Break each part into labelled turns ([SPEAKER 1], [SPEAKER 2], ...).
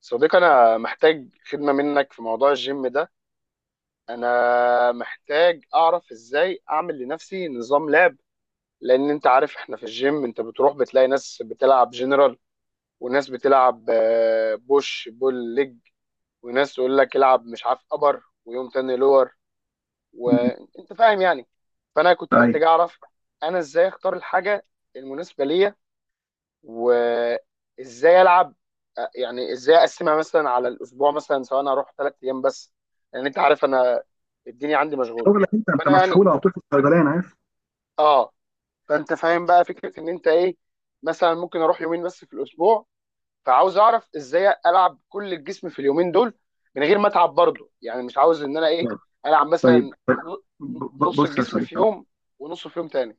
[SPEAKER 1] صديقي انا محتاج خدمه منك في موضوع الجيم ده. انا محتاج اعرف ازاي اعمل لنفسي نظام لعب. لان انت عارف احنا في الجيم انت بتروح بتلاقي ناس بتلعب جنرال وناس بتلعب بوش بول ليج، وناس تقول لك العب مش عارف ابر ويوم تاني لور
[SPEAKER 2] مم.
[SPEAKER 1] وانت فاهم يعني. فانا كنت
[SPEAKER 2] ايوه،
[SPEAKER 1] محتاج اعرف انا ازاي اختار الحاجه المناسبه ليا وازاي العب، يعني ازاي اقسمها مثلا على الاسبوع مثلا سواء انا اروح ثلاث ايام بس، لان انت عارف انا الدنيا عندي مشغوله.
[SPEAKER 2] شغلك، انت
[SPEAKER 1] فانا يعني
[SPEAKER 2] مسحول على طول في الصيدليه، انا عارف.
[SPEAKER 1] اه فانت فاهم بقى فكره ان انت ايه، مثلا ممكن اروح يومين بس في الاسبوع، فعاوز اعرف ازاي العب كل الجسم في اليومين دول من غير ما اتعب برضه، يعني مش عاوز ان انا ايه
[SPEAKER 2] آه.
[SPEAKER 1] العب
[SPEAKER 2] طيب،
[SPEAKER 1] مثلا نص
[SPEAKER 2] بص يا
[SPEAKER 1] الجسم
[SPEAKER 2] صديقي
[SPEAKER 1] في
[SPEAKER 2] أهو.
[SPEAKER 1] يوم ونصه في يوم تاني.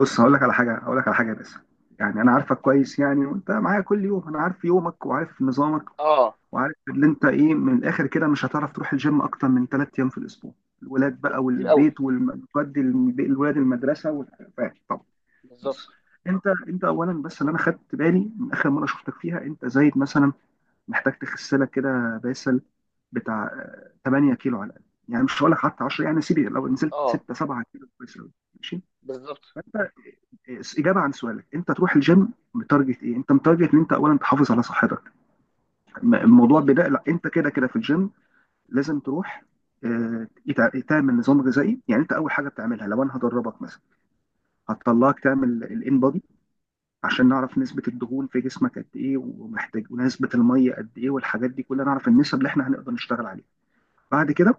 [SPEAKER 2] بص، هقول لك على حاجه بس. يعني انا عارفك كويس يعني، وانت معايا كل يوم، انا عارف يومك وعارف نظامك
[SPEAKER 1] اه،
[SPEAKER 2] وعارف اللي انت ايه. من الاخر كده، مش هتعرف تروح الجيم اكتر من ثلاث ايام في الاسبوع. الولاد بقى
[SPEAKER 1] كتير قوي.
[SPEAKER 2] والبيت والجد، الولاد المدرسه والحاجات، فاهم. طب
[SPEAKER 1] بالظبط.
[SPEAKER 2] بص، انت اولا بس اللي انا خدت بالي من اخر مره شفتك فيها، انت زايد مثلا، محتاج تخس لك كده باسل بتاع 8 كيلو على الاقل. يعني مش هقول لك حتى 10، يعني سيبي لو نزلت
[SPEAKER 1] اه
[SPEAKER 2] 6 7 كيلو كويس قوي، ماشي.
[SPEAKER 1] بالظبط.
[SPEAKER 2] فانت اجابه عن سؤالك، انت تروح الجيم متارجت ايه؟ انت متارجت ان انت اولا تحافظ على صحتك. الموضوع
[SPEAKER 1] مم.
[SPEAKER 2] بدأ، لا انت كده كده في الجيم، لازم تروح، تعمل نظام غذائي. يعني انت اول حاجه بتعملها لو انا هدربك مثلا، هتطلعك تعمل الان بودي عشان نعرف نسبه الدهون في جسمك قد ايه، ومحتاج، ونسبه الميه قد ايه، والحاجات دي كلها. نعرف النسب اللي احنا هنقدر نشتغل عليها. بعد كده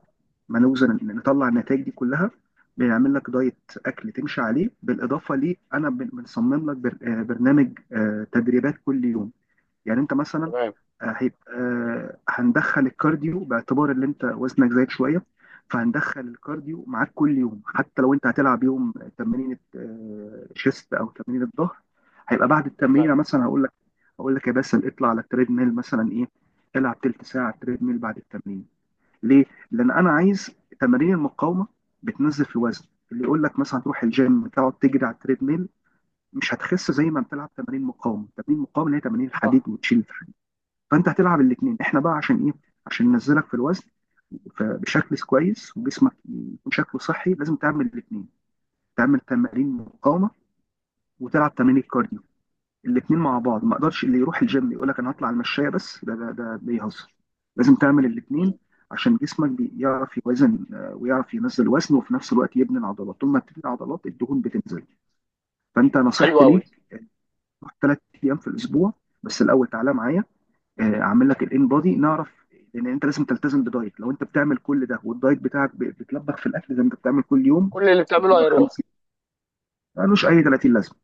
[SPEAKER 2] ما نوزن إن نطلع النتائج دي كلها، بنعمل لك دايت، اكل تمشي عليه، بالاضافه ليه انا بنصمم لك برنامج تدريبات كل يوم. يعني انت مثلا
[SPEAKER 1] تمام.
[SPEAKER 2] هيبقى هندخل الكارديو باعتبار ان انت وزنك زايد شويه، فهندخل الكارديو معاك كل يوم، حتى لو انت هتلعب يوم تمرين شيست او تمرين الظهر، هيبقى بعد
[SPEAKER 1] تمام.
[SPEAKER 2] التمرين مثلا هقول لك، هقول لك يا باسل اطلع على التريد ميل مثلا ايه، العب تلت ساعه تريد ميل بعد التمرين. ليه؟ لان انا عايز تمارين المقاومه بتنزل في الوزن. اللي يقول لك مثلا تروح الجيم تقعد تجري على التريد ميل، مش هتخس زي ما بتلعب تمارين مقاومه، تمارين مقاومه اللي هي تمارين
[SPEAKER 1] صح.
[SPEAKER 2] الحديد وتشيل الحديد، فانت هتلعب الاثنين. احنا بقى عشان ايه؟ عشان ننزلك في الوزن بشكل كويس، وجسمك يكون شكله صحي، لازم تعمل الاثنين، تعمل تمارين مقاومه وتلعب تمارين الكارديو، الاثنين مع بعض. ما اقدرش اللي يروح الجيم يقول لك انا هطلع المشاية بس، ده ده بيهزر، لازم تعمل الاثنين
[SPEAKER 1] مم.
[SPEAKER 2] عشان جسمك بيعرف يوازن، ويعرف ينزل وزن وفي نفس الوقت يبني العضلات. طول ما بتبني عضلات، الدهون بتنزل. فانت
[SPEAKER 1] حلو
[SPEAKER 2] نصيحتي
[SPEAKER 1] قوي.
[SPEAKER 2] ليك، روح ثلاث ايام في الاسبوع، بس الاول تعالى معايا، اعمل لك الان بودي نعرف. لان انت لازم تلتزم بدايت. لو انت بتعمل كل ده والدايت بتاعك بتلبخ في الاكل زي ما انت بتعمل كل يوم،
[SPEAKER 1] كل اللي بتعمله
[SPEAKER 2] بتضربك
[SPEAKER 1] هيروح.
[SPEAKER 2] خمس، ملوش اي 30 لازمه.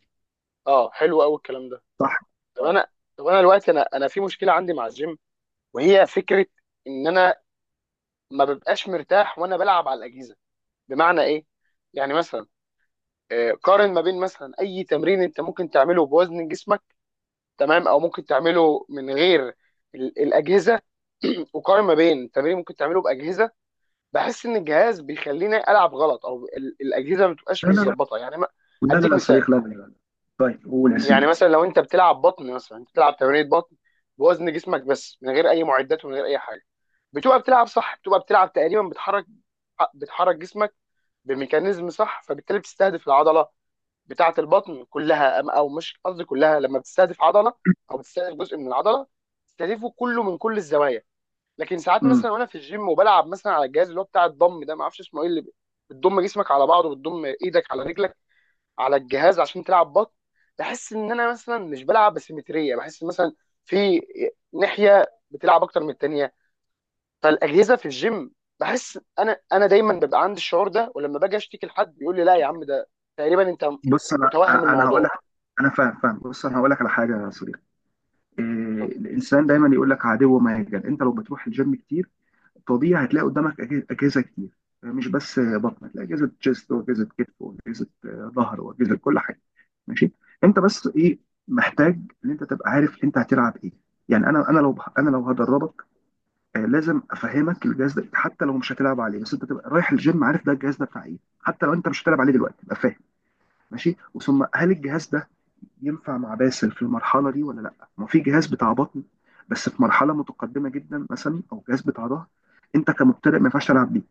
[SPEAKER 1] اه حلو قوي الكلام ده.
[SPEAKER 2] صح.
[SPEAKER 1] طب
[SPEAKER 2] اه.
[SPEAKER 1] انا، طب انا دلوقتي انا في مشكله عندي مع الجيم، وهي فكره ان انا ما ببقاش مرتاح وانا بلعب على الاجهزه. بمعنى ايه؟ يعني مثلا، قارن ما بين مثلا اي تمرين انت ممكن تعمله بوزن جسمك، تمام، او ممكن تعمله من غير الاجهزه. وقارن ما بين تمرين ممكن تعمله باجهزه، بحس ان الجهاز بيخليني العب غلط او الاجهزه ما بتبقاش
[SPEAKER 2] لا لا لا،
[SPEAKER 1] متظبطه يعني ما.
[SPEAKER 2] لا لا
[SPEAKER 1] هديك
[SPEAKER 2] لا
[SPEAKER 1] مثال،
[SPEAKER 2] صريخ، لا لا لا. طيب قول يا
[SPEAKER 1] يعني
[SPEAKER 2] سيدي.
[SPEAKER 1] مثلا لو انت بتلعب بطن، مثلا انت بتلعب تمرينة بطن بوزن جسمك بس من غير اي معدات ومن غير اي حاجه، بتبقى بتلعب صح، بتبقى بتلعب تقريبا بتحرك جسمك بميكانيزم صح، فبالتالي بتستهدف العضله بتاعه البطن كلها، او مش قصدي كلها، لما بتستهدف عضله او بتستهدف جزء من العضله بتستهدفه كله من كل الزوايا. لكن ساعات
[SPEAKER 2] امم
[SPEAKER 1] مثلا وانا في الجيم وبلعب مثلا على الجهاز اللي هو بتاع الضم ده، ما اعرفش اسمه ايه، اللي بتضم جسمك على بعضه وبتضم ايدك على رجلك على الجهاز عشان تلعب بط، بحس ان انا مثلا مش بلعب بسيمتريه، بحس مثلا في ناحيه بتلعب اكتر من التانيه. فالاجهزه في الجيم بحس انا دايما ببقى عندي الشعور ده، ولما باجي اشتكي لحد بيقول لي لا يا عم ده تقريبا انت
[SPEAKER 2] بص، انا
[SPEAKER 1] متوهم
[SPEAKER 2] انا هقول
[SPEAKER 1] الموضوع،
[SPEAKER 2] لك، انا فاهم فاهم، بص انا هقول لك على حاجه يا صديقي. إيه؟
[SPEAKER 1] قلت له،
[SPEAKER 2] الانسان دايما يقول لك عدو مهجن. انت لو بتروح الجيم كتير، طبيعي هتلاقي قدامك اجهزه كتير، مش بس بطن، هتلاقي اجهزه تشيست واجهزه كتف واجهزه ظهر واجهزه كل حاجه، ماشي. انت بس ايه؟ محتاج ان انت تبقى عارف انت هتلعب ايه. يعني انا لو هدربك، لازم افهمك الجهاز ده، حتى لو مش هتلعب عليه، بس انت تبقى رايح الجيم عارف ده، الجهاز ده بتاع ايه، حتى لو انت مش هتلعب عليه دلوقتي تبقى فاهم. ماشي. وثم هل الجهاز ده ينفع مع باسل في المرحله دي ولا لا؟ ما في جهاز بتاع بطن بس في مرحله متقدمه جدا مثلا، او جهاز بتاع ظهر انت كمبتدئ ما ينفعش تلعب بيه،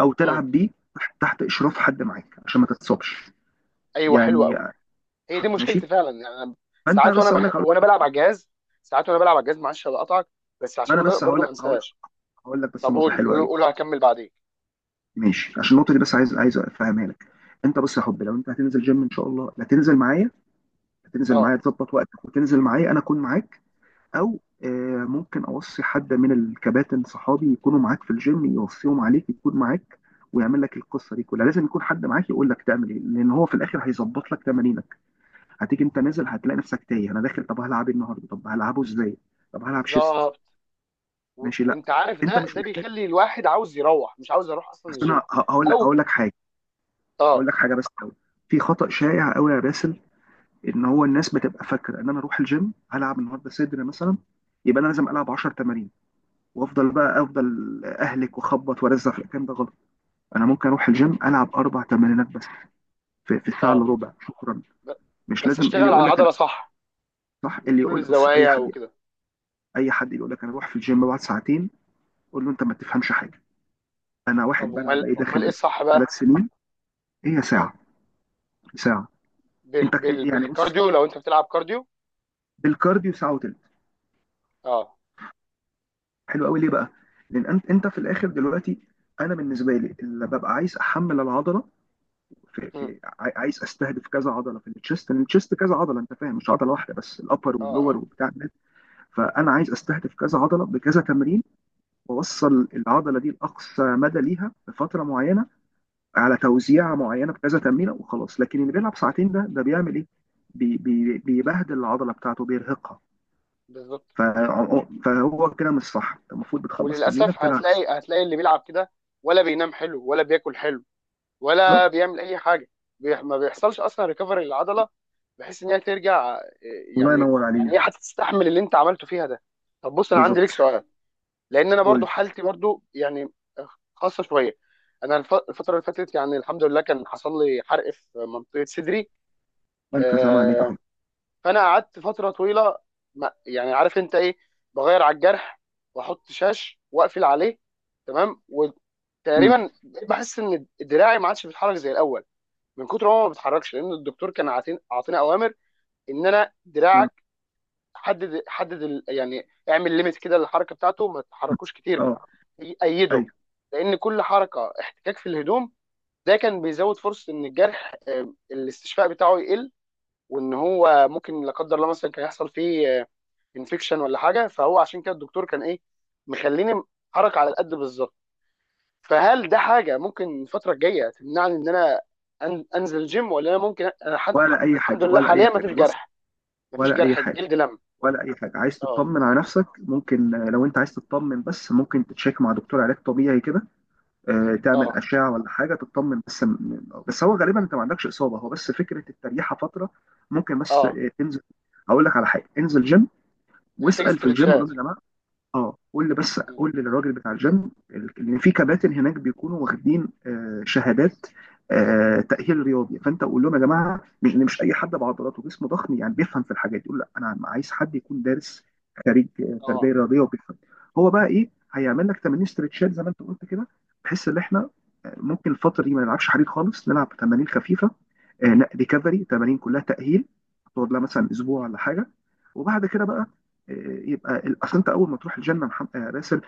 [SPEAKER 2] او
[SPEAKER 1] امم.
[SPEAKER 2] تلعب بيه تحت اشراف حد معاك عشان ما تتصابش،
[SPEAKER 1] ايوه حلوه
[SPEAKER 2] يعني.
[SPEAKER 1] قوي، هي دي
[SPEAKER 2] ماشي.
[SPEAKER 1] مشكلتي فعلا يعني أنا
[SPEAKER 2] فانت
[SPEAKER 1] ساعات
[SPEAKER 2] بس هقول لك،
[SPEAKER 1] وانا بلعب على الجهاز، ساعات وانا بلعب على الجهاز، معلش هقطعك بس
[SPEAKER 2] ما انا
[SPEAKER 1] عشان
[SPEAKER 2] بس هقول
[SPEAKER 1] برضو
[SPEAKER 2] لك
[SPEAKER 1] ما
[SPEAKER 2] هقول
[SPEAKER 1] انساش.
[SPEAKER 2] هقول لك بس
[SPEAKER 1] طب
[SPEAKER 2] نقطه
[SPEAKER 1] قول
[SPEAKER 2] حلوه
[SPEAKER 1] قول
[SPEAKER 2] قوي.
[SPEAKER 1] قول هكمل بعدين.
[SPEAKER 2] ماشي عشان النقطه دي، بس عايز افهمها لك. انت بس يا حبي، لو انت هتنزل جيم ان شاء الله، لا، تنزل معايا، هتنزل
[SPEAKER 1] اه
[SPEAKER 2] معايا تظبط وقتك وتنزل معايا، انا اكون معاك. او ممكن اوصي حد من الكباتن صحابي يكونوا معاك في الجيم، يوصيهم عليك يكون معاك، ويعمل لك القصه دي كلها. لازم يكون حد معاك يقول لك تعمل ايه، لان هو في الاخر هيظبط لك تمارينك. هتيجي انت نازل هتلاقي نفسك تايه، انا داخل طب هلعب إيه النهارده؟ طب هلعبه ازاي؟ طب هلعب شيست؟
[SPEAKER 1] بالظبط.
[SPEAKER 2] ماشي. لا،
[SPEAKER 1] وانت عارف
[SPEAKER 2] انت
[SPEAKER 1] ده
[SPEAKER 2] مش
[SPEAKER 1] ده
[SPEAKER 2] محتاج،
[SPEAKER 1] بيخلي الواحد عاوز يروح، مش عاوز اروح اصلا
[SPEAKER 2] بس انا
[SPEAKER 1] الجيم.
[SPEAKER 2] هقول لك،
[SPEAKER 1] او
[SPEAKER 2] حاجه. اقول
[SPEAKER 1] اه.
[SPEAKER 2] لك حاجه بس قوي. في خطا شائع قوي يا باسل، ان هو الناس بتبقى فاكره ان انا اروح الجيم هلعب النهارده صدر مثلا، يبقى انا لازم العب 10 تمارين وافضل بقى افضل اهلك واخبط وارزع. في الكلام ده غلط. انا ممكن اروح الجيم العب اربع تمارينات بس في, في الساعه الا
[SPEAKER 1] اه،
[SPEAKER 2] ربع، شكرا.
[SPEAKER 1] ب...
[SPEAKER 2] مش
[SPEAKER 1] بس
[SPEAKER 2] لازم اللي
[SPEAKER 1] اشتغل على
[SPEAKER 2] يقول لك انا،
[SPEAKER 1] العضله صح
[SPEAKER 2] صح.
[SPEAKER 1] من
[SPEAKER 2] اللي
[SPEAKER 1] كل
[SPEAKER 2] يقول اي
[SPEAKER 1] الزوايا
[SPEAKER 2] حد،
[SPEAKER 1] وكده.
[SPEAKER 2] اي حد يقول لك انا اروح في الجيم بعد ساعتين، قول له انت ما تفهمش حاجه. انا
[SPEAKER 1] طب
[SPEAKER 2] واحد بلعب
[SPEAKER 1] امال
[SPEAKER 2] ايه
[SPEAKER 1] امال ايه
[SPEAKER 2] داخل
[SPEAKER 1] الصح
[SPEAKER 2] ثلاث
[SPEAKER 1] بقى؟
[SPEAKER 2] سنين، هي
[SPEAKER 1] اه
[SPEAKER 2] ساعه، ساعه. انت يعني بص،
[SPEAKER 1] بالكارديو لو انت بتلعب كارديو.
[SPEAKER 2] بالكارديو ساعه وتلت.
[SPEAKER 1] اه.
[SPEAKER 2] حلو قوي. ليه بقى؟ لان انت في الاخر دلوقتي، انا بالنسبه لي اللي ببقى عايز احمل العضله، في,
[SPEAKER 1] مم.
[SPEAKER 2] في عايز استهدف كذا عضله في التشيست، لان التشيست كذا عضله، انت فاهم، مش عضله واحده بس، الابر
[SPEAKER 1] اه
[SPEAKER 2] واللور
[SPEAKER 1] اه.
[SPEAKER 2] وبتاع ده. فانا عايز استهدف كذا عضله بكذا تمرين، واوصل العضله دي لاقصى مدى ليها بفتره معينه، على توزيعه معينه بكذا تمرينه وخلاص. لكن اللي بيلعب ساعتين، ده بيعمل ايه؟ بي بي بيبهدل العضله بتاعته، بيرهقها.
[SPEAKER 1] بالظبط.
[SPEAKER 2] فهو كده مش صح. أنت المفروض بتخلص تمرينك
[SPEAKER 1] وللاسف
[SPEAKER 2] تلعب.
[SPEAKER 1] هتلاقي اللي بيلعب كده ولا بينام حلو ولا بياكل حلو ولا
[SPEAKER 2] بالظبط.
[SPEAKER 1] بيعمل اي حاجه. ما بيحصلش اصلا ريكفري للعضله، بحيث ان هي ترجع
[SPEAKER 2] الله
[SPEAKER 1] يعني
[SPEAKER 2] ينور
[SPEAKER 1] يعني
[SPEAKER 2] عليك.
[SPEAKER 1] هي هتستحمل اللي انت عملته فيها ده. طب بص انا عندي
[SPEAKER 2] بالظبط.
[SPEAKER 1] ليك سؤال، لان انا
[SPEAKER 2] قول
[SPEAKER 1] برضو
[SPEAKER 2] لي.
[SPEAKER 1] حالتي برضو يعني خاصه شويه. انا الفتره اللي فاتت يعني الحمد لله كان حصل لي حرق في منطقه صدري،
[SPEAKER 2] وانت سامع عليك يا
[SPEAKER 1] آه،
[SPEAKER 2] حب.
[SPEAKER 1] فانا قعدت فتره طويله، يعني عارف انت ايه، بغير على الجرح واحط شاش واقفل عليه، تمام،
[SPEAKER 2] مم.
[SPEAKER 1] وتقريبا بحس ان دراعي ما عادش بيتحرك زي الاول من كتر هو ما بيتحركش، لان الدكتور كان عاطينا اوامر ان انا
[SPEAKER 2] مم.
[SPEAKER 1] دراعك حدد يعني اعمل ليميت كده للحركه بتاعته ما تتحركوش كتير
[SPEAKER 2] اه.
[SPEAKER 1] ايده،
[SPEAKER 2] ايوه.
[SPEAKER 1] لان كل حركه احتكاك في الهدوم ده كان بيزود فرصه ان الجرح الاستشفاء بتاعه يقل، وان هو ممكن لا قدر الله مثلا كان يحصل فيه انفكشن ولا حاجه، فهو عشان كده الدكتور كان ايه مخليني حركه على القد بالظبط. فهل ده حاجه ممكن الفتره الجايه تمنعني ان انا انزل جيم، ولا انا ممكن
[SPEAKER 2] ولا اي
[SPEAKER 1] الحمد
[SPEAKER 2] حاجه،
[SPEAKER 1] لله
[SPEAKER 2] ولا اي
[SPEAKER 1] حاليا
[SPEAKER 2] حاجه،
[SPEAKER 1] مفيش
[SPEAKER 2] بص.
[SPEAKER 1] جرح، مفيش
[SPEAKER 2] ولا اي
[SPEAKER 1] جرح،
[SPEAKER 2] حاجه،
[SPEAKER 1] الجلد لم.
[SPEAKER 2] ولا اي حاجه. عايز
[SPEAKER 1] اه.
[SPEAKER 2] تطمن على نفسك؟ ممكن لو انت عايز تطمن، بس ممكن تتشيك مع دكتور علاج طبيعي كده، تعمل
[SPEAKER 1] اه.
[SPEAKER 2] اشعه ولا حاجه تطمن، بس بس هو غالبا انت ما عندكش اصابه، هو بس فكره التريحه فتره. ممكن بس
[SPEAKER 1] اه
[SPEAKER 2] تنزل، هقول لك على حاجه، انزل جيم
[SPEAKER 1] محتاج
[SPEAKER 2] واسال في الجيم، قول
[SPEAKER 1] استرتشات.
[SPEAKER 2] لهم يا جماعه. اه، قول لي بس،
[SPEAKER 1] م.
[SPEAKER 2] قول لي للراجل بتاع الجيم، ان في كباتن هناك بيكونوا واخدين شهادات تأهيل رياضي. فانت قول لهم يا جماعه، مش إن مش اي حد بعضلاته جسمه ضخم يعني بيفهم في الحاجات دي. يقول لا انا عايز حد يكون دارس، خريج تربيه
[SPEAKER 1] اه.
[SPEAKER 2] رياضيه وبيفهم. هو بقى ايه هيعمل لك تمارين ستريتشات زي ما انت قلت كده، بحيث ان احنا ممكن الفتره دي ما نلعبش حديد خالص، نلعب تمارين خفيفه، ريكفري، تمارين كلها تأهيل، تقعد لها مثلا اسبوع ولا حاجه. وبعد كده بقى آه، يبقى اصل انت اول ما تروح الجنه يا محمد يا باسل،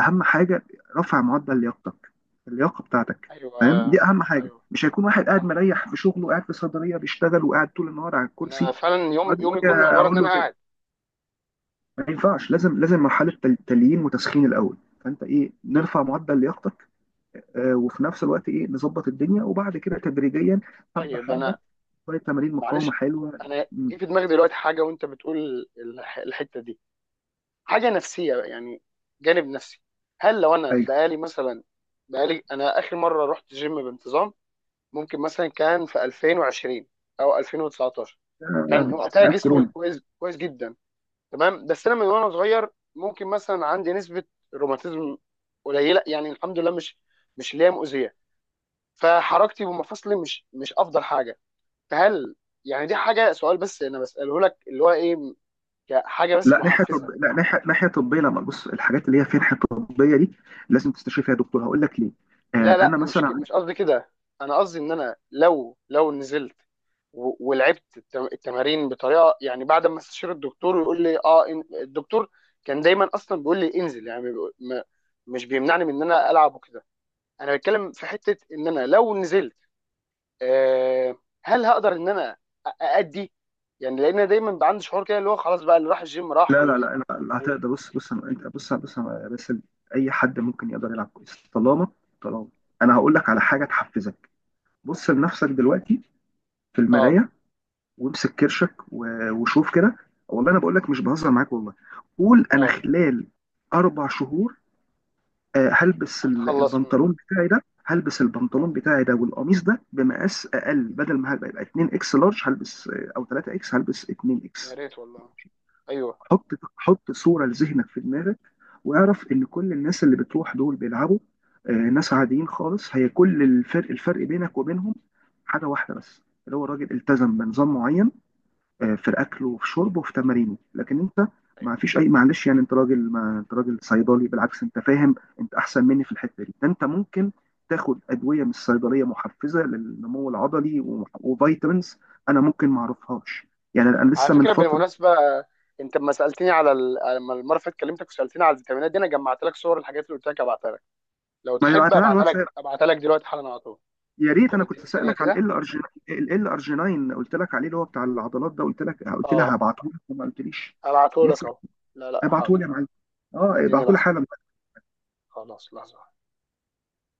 [SPEAKER 2] اهم حاجه رفع معدل لياقتك، اللياقه بتاعتك،
[SPEAKER 1] ايوه.
[SPEAKER 2] فاهم،
[SPEAKER 1] آه،
[SPEAKER 2] دي اهم حاجه.
[SPEAKER 1] ايوه
[SPEAKER 2] مش هيكون واحد قاعد
[SPEAKER 1] صح.
[SPEAKER 2] مريح في شغله قاعد في صيدليه بيشتغل وقاعد طول النهار على الكرسي،
[SPEAKER 1] انا فعلا يوم
[SPEAKER 2] واجي
[SPEAKER 1] يومي
[SPEAKER 2] وأجي
[SPEAKER 1] كله عباره ان
[SPEAKER 2] اقول
[SPEAKER 1] انا
[SPEAKER 2] له تاني
[SPEAKER 1] قاعد.
[SPEAKER 2] ما ينفعش، لازم مرحله تليين وتسخين الاول. فانت ايه، نرفع معدل لياقتك، وفي نفس الوقت ايه، نظبط الدنيا، وبعد كده تدريجيا، حبه
[SPEAKER 1] طيب
[SPEAKER 2] حبه،
[SPEAKER 1] انا
[SPEAKER 2] شويه تمارين مقاومه
[SPEAKER 1] معلش،
[SPEAKER 2] حلوه.
[SPEAKER 1] انا
[SPEAKER 2] م،
[SPEAKER 1] جه في دماغي دلوقتي حاجه وانت بتقول الحته دي، حاجه نفسيه بقى، يعني جانب نفسي. هل لو انا
[SPEAKER 2] ايوه.
[SPEAKER 1] بقالي مثلا، بقالي انا اخر مره رحت جيم بانتظام ممكن مثلا كان في 2020 او 2019، كان
[SPEAKER 2] آه،
[SPEAKER 1] وقتها جسمي
[SPEAKER 2] كورونا.
[SPEAKER 1] كويس كويس جدا، تمام، بس انا من وانا صغير ممكن مثلا عندي نسبه روماتيزم قليله، يعني الحمد لله مش مش اللي هي مؤذيه، فحركتي ومفاصلي مش مش افضل حاجه. فهل يعني دي حاجه، سؤال بس انا بساله لك اللي هو ايه كحاجه بس
[SPEAKER 2] لا ناحيه
[SPEAKER 1] محفزه.
[SPEAKER 2] لا ناحيه، ناحيه طبيه، لما بص الحاجات اللي هي فيها ناحيه طبيه دي لازم تستشير فيها دكتور. هقول لك ليه.
[SPEAKER 1] لا
[SPEAKER 2] آه،
[SPEAKER 1] لا
[SPEAKER 2] انا
[SPEAKER 1] مش
[SPEAKER 2] مثلا
[SPEAKER 1] مش قصدي كده، انا قصدي ان انا لو لو نزلت ولعبت التمارين بطريقه، يعني بعد ما استشير الدكتور ويقول لي اه الدكتور كان دايما اصلا بيقول لي انزل، يعني مش بيمنعني من ان انا العب وكده. انا بتكلم في حته ان انا لو نزلت آه، هل هقدر ان انا اادي يعني، لان أنا دايما بقى عندي شعور كده اللي هو خلاص بقى اللي راح الجيم راح
[SPEAKER 2] لا لا
[SPEAKER 1] واللي ما
[SPEAKER 2] لا لا, لا
[SPEAKER 1] و-
[SPEAKER 2] هتقدر. بص بص انت، بص بص بس اي حد ممكن يقدر يلعب كويس، طالما طالما انا هقول لك على حاجه تحفزك، بص لنفسك دلوقتي في
[SPEAKER 1] اه.
[SPEAKER 2] المرايه، وامسك كرشك و... وشوف كده. والله انا بقول لك مش بهزر معاك، والله. قول انا
[SPEAKER 1] اه
[SPEAKER 2] خلال اربع شهور هلبس
[SPEAKER 1] هتخلص من.
[SPEAKER 2] البنطلون بتاعي ده، هلبس
[SPEAKER 1] اه
[SPEAKER 2] البنطلون بتاعي ده والقميص ده بمقاس اقل، بدل ما هيبقى يبقى 2 اكس لارج، هلبس او 3 اكس، هلبس 2
[SPEAKER 1] يا
[SPEAKER 2] اكس.
[SPEAKER 1] ريت والله. ايوه.
[SPEAKER 2] حط صوره لذهنك في دماغك، واعرف ان كل الناس اللي بتروح دول بيلعبوا، ناس عاديين خالص، هي كل الفرق، الفرق بينك وبينهم حاجه واحده بس، اللي هو الراجل التزم بنظام معين في الاكل وفي شربه وفي تمارينه. لكن انت،
[SPEAKER 1] أيوه.
[SPEAKER 2] ما فيش اي معلش، يعني انت راجل، ما انت راجل صيدلي، بالعكس انت فاهم، انت احسن مني في الحته دي، ده انت ممكن تاخد ادويه من الصيدليه محفزه للنمو العضلي وفيتامينز، انا ممكن ما اعرفهاش، يعني انا
[SPEAKER 1] على
[SPEAKER 2] لسه من
[SPEAKER 1] فكره
[SPEAKER 2] فتره.
[SPEAKER 1] بالمناسبه انت لما سالتني على لما المره اللي فاتت كلمتك وسالتني على الفيتامينات دي، انا جمعت لك صور الحاجات اللي قلت لك ابعتها لك، لو
[SPEAKER 2] ما
[SPEAKER 1] تحب
[SPEAKER 2] بعتها على
[SPEAKER 1] ابعتها لك،
[SPEAKER 2] الواتساب؟
[SPEAKER 1] ابعتها لك دلوقتي حالا على طول.
[SPEAKER 2] يا ريت،
[SPEAKER 1] طب
[SPEAKER 2] انا كنت
[SPEAKER 1] اديني ثانيه
[SPEAKER 2] سالك على
[SPEAKER 1] كده.
[SPEAKER 2] ال ارجينين، ال ارجينين قلت لك عليه، اللي هو بتاع العضلات ده، قلت لك، قلت لها
[SPEAKER 1] اه
[SPEAKER 2] هبعته لك وما قلتليش.
[SPEAKER 1] ابعته لك
[SPEAKER 2] لسه،
[SPEAKER 1] اهو. لا لا
[SPEAKER 2] ابعته لي يا
[SPEAKER 1] حاضر.
[SPEAKER 2] معلم، اه،
[SPEAKER 1] اديني
[SPEAKER 2] ابعته لي
[SPEAKER 1] لحظه.
[SPEAKER 2] حالا.
[SPEAKER 1] خلاص لحظه.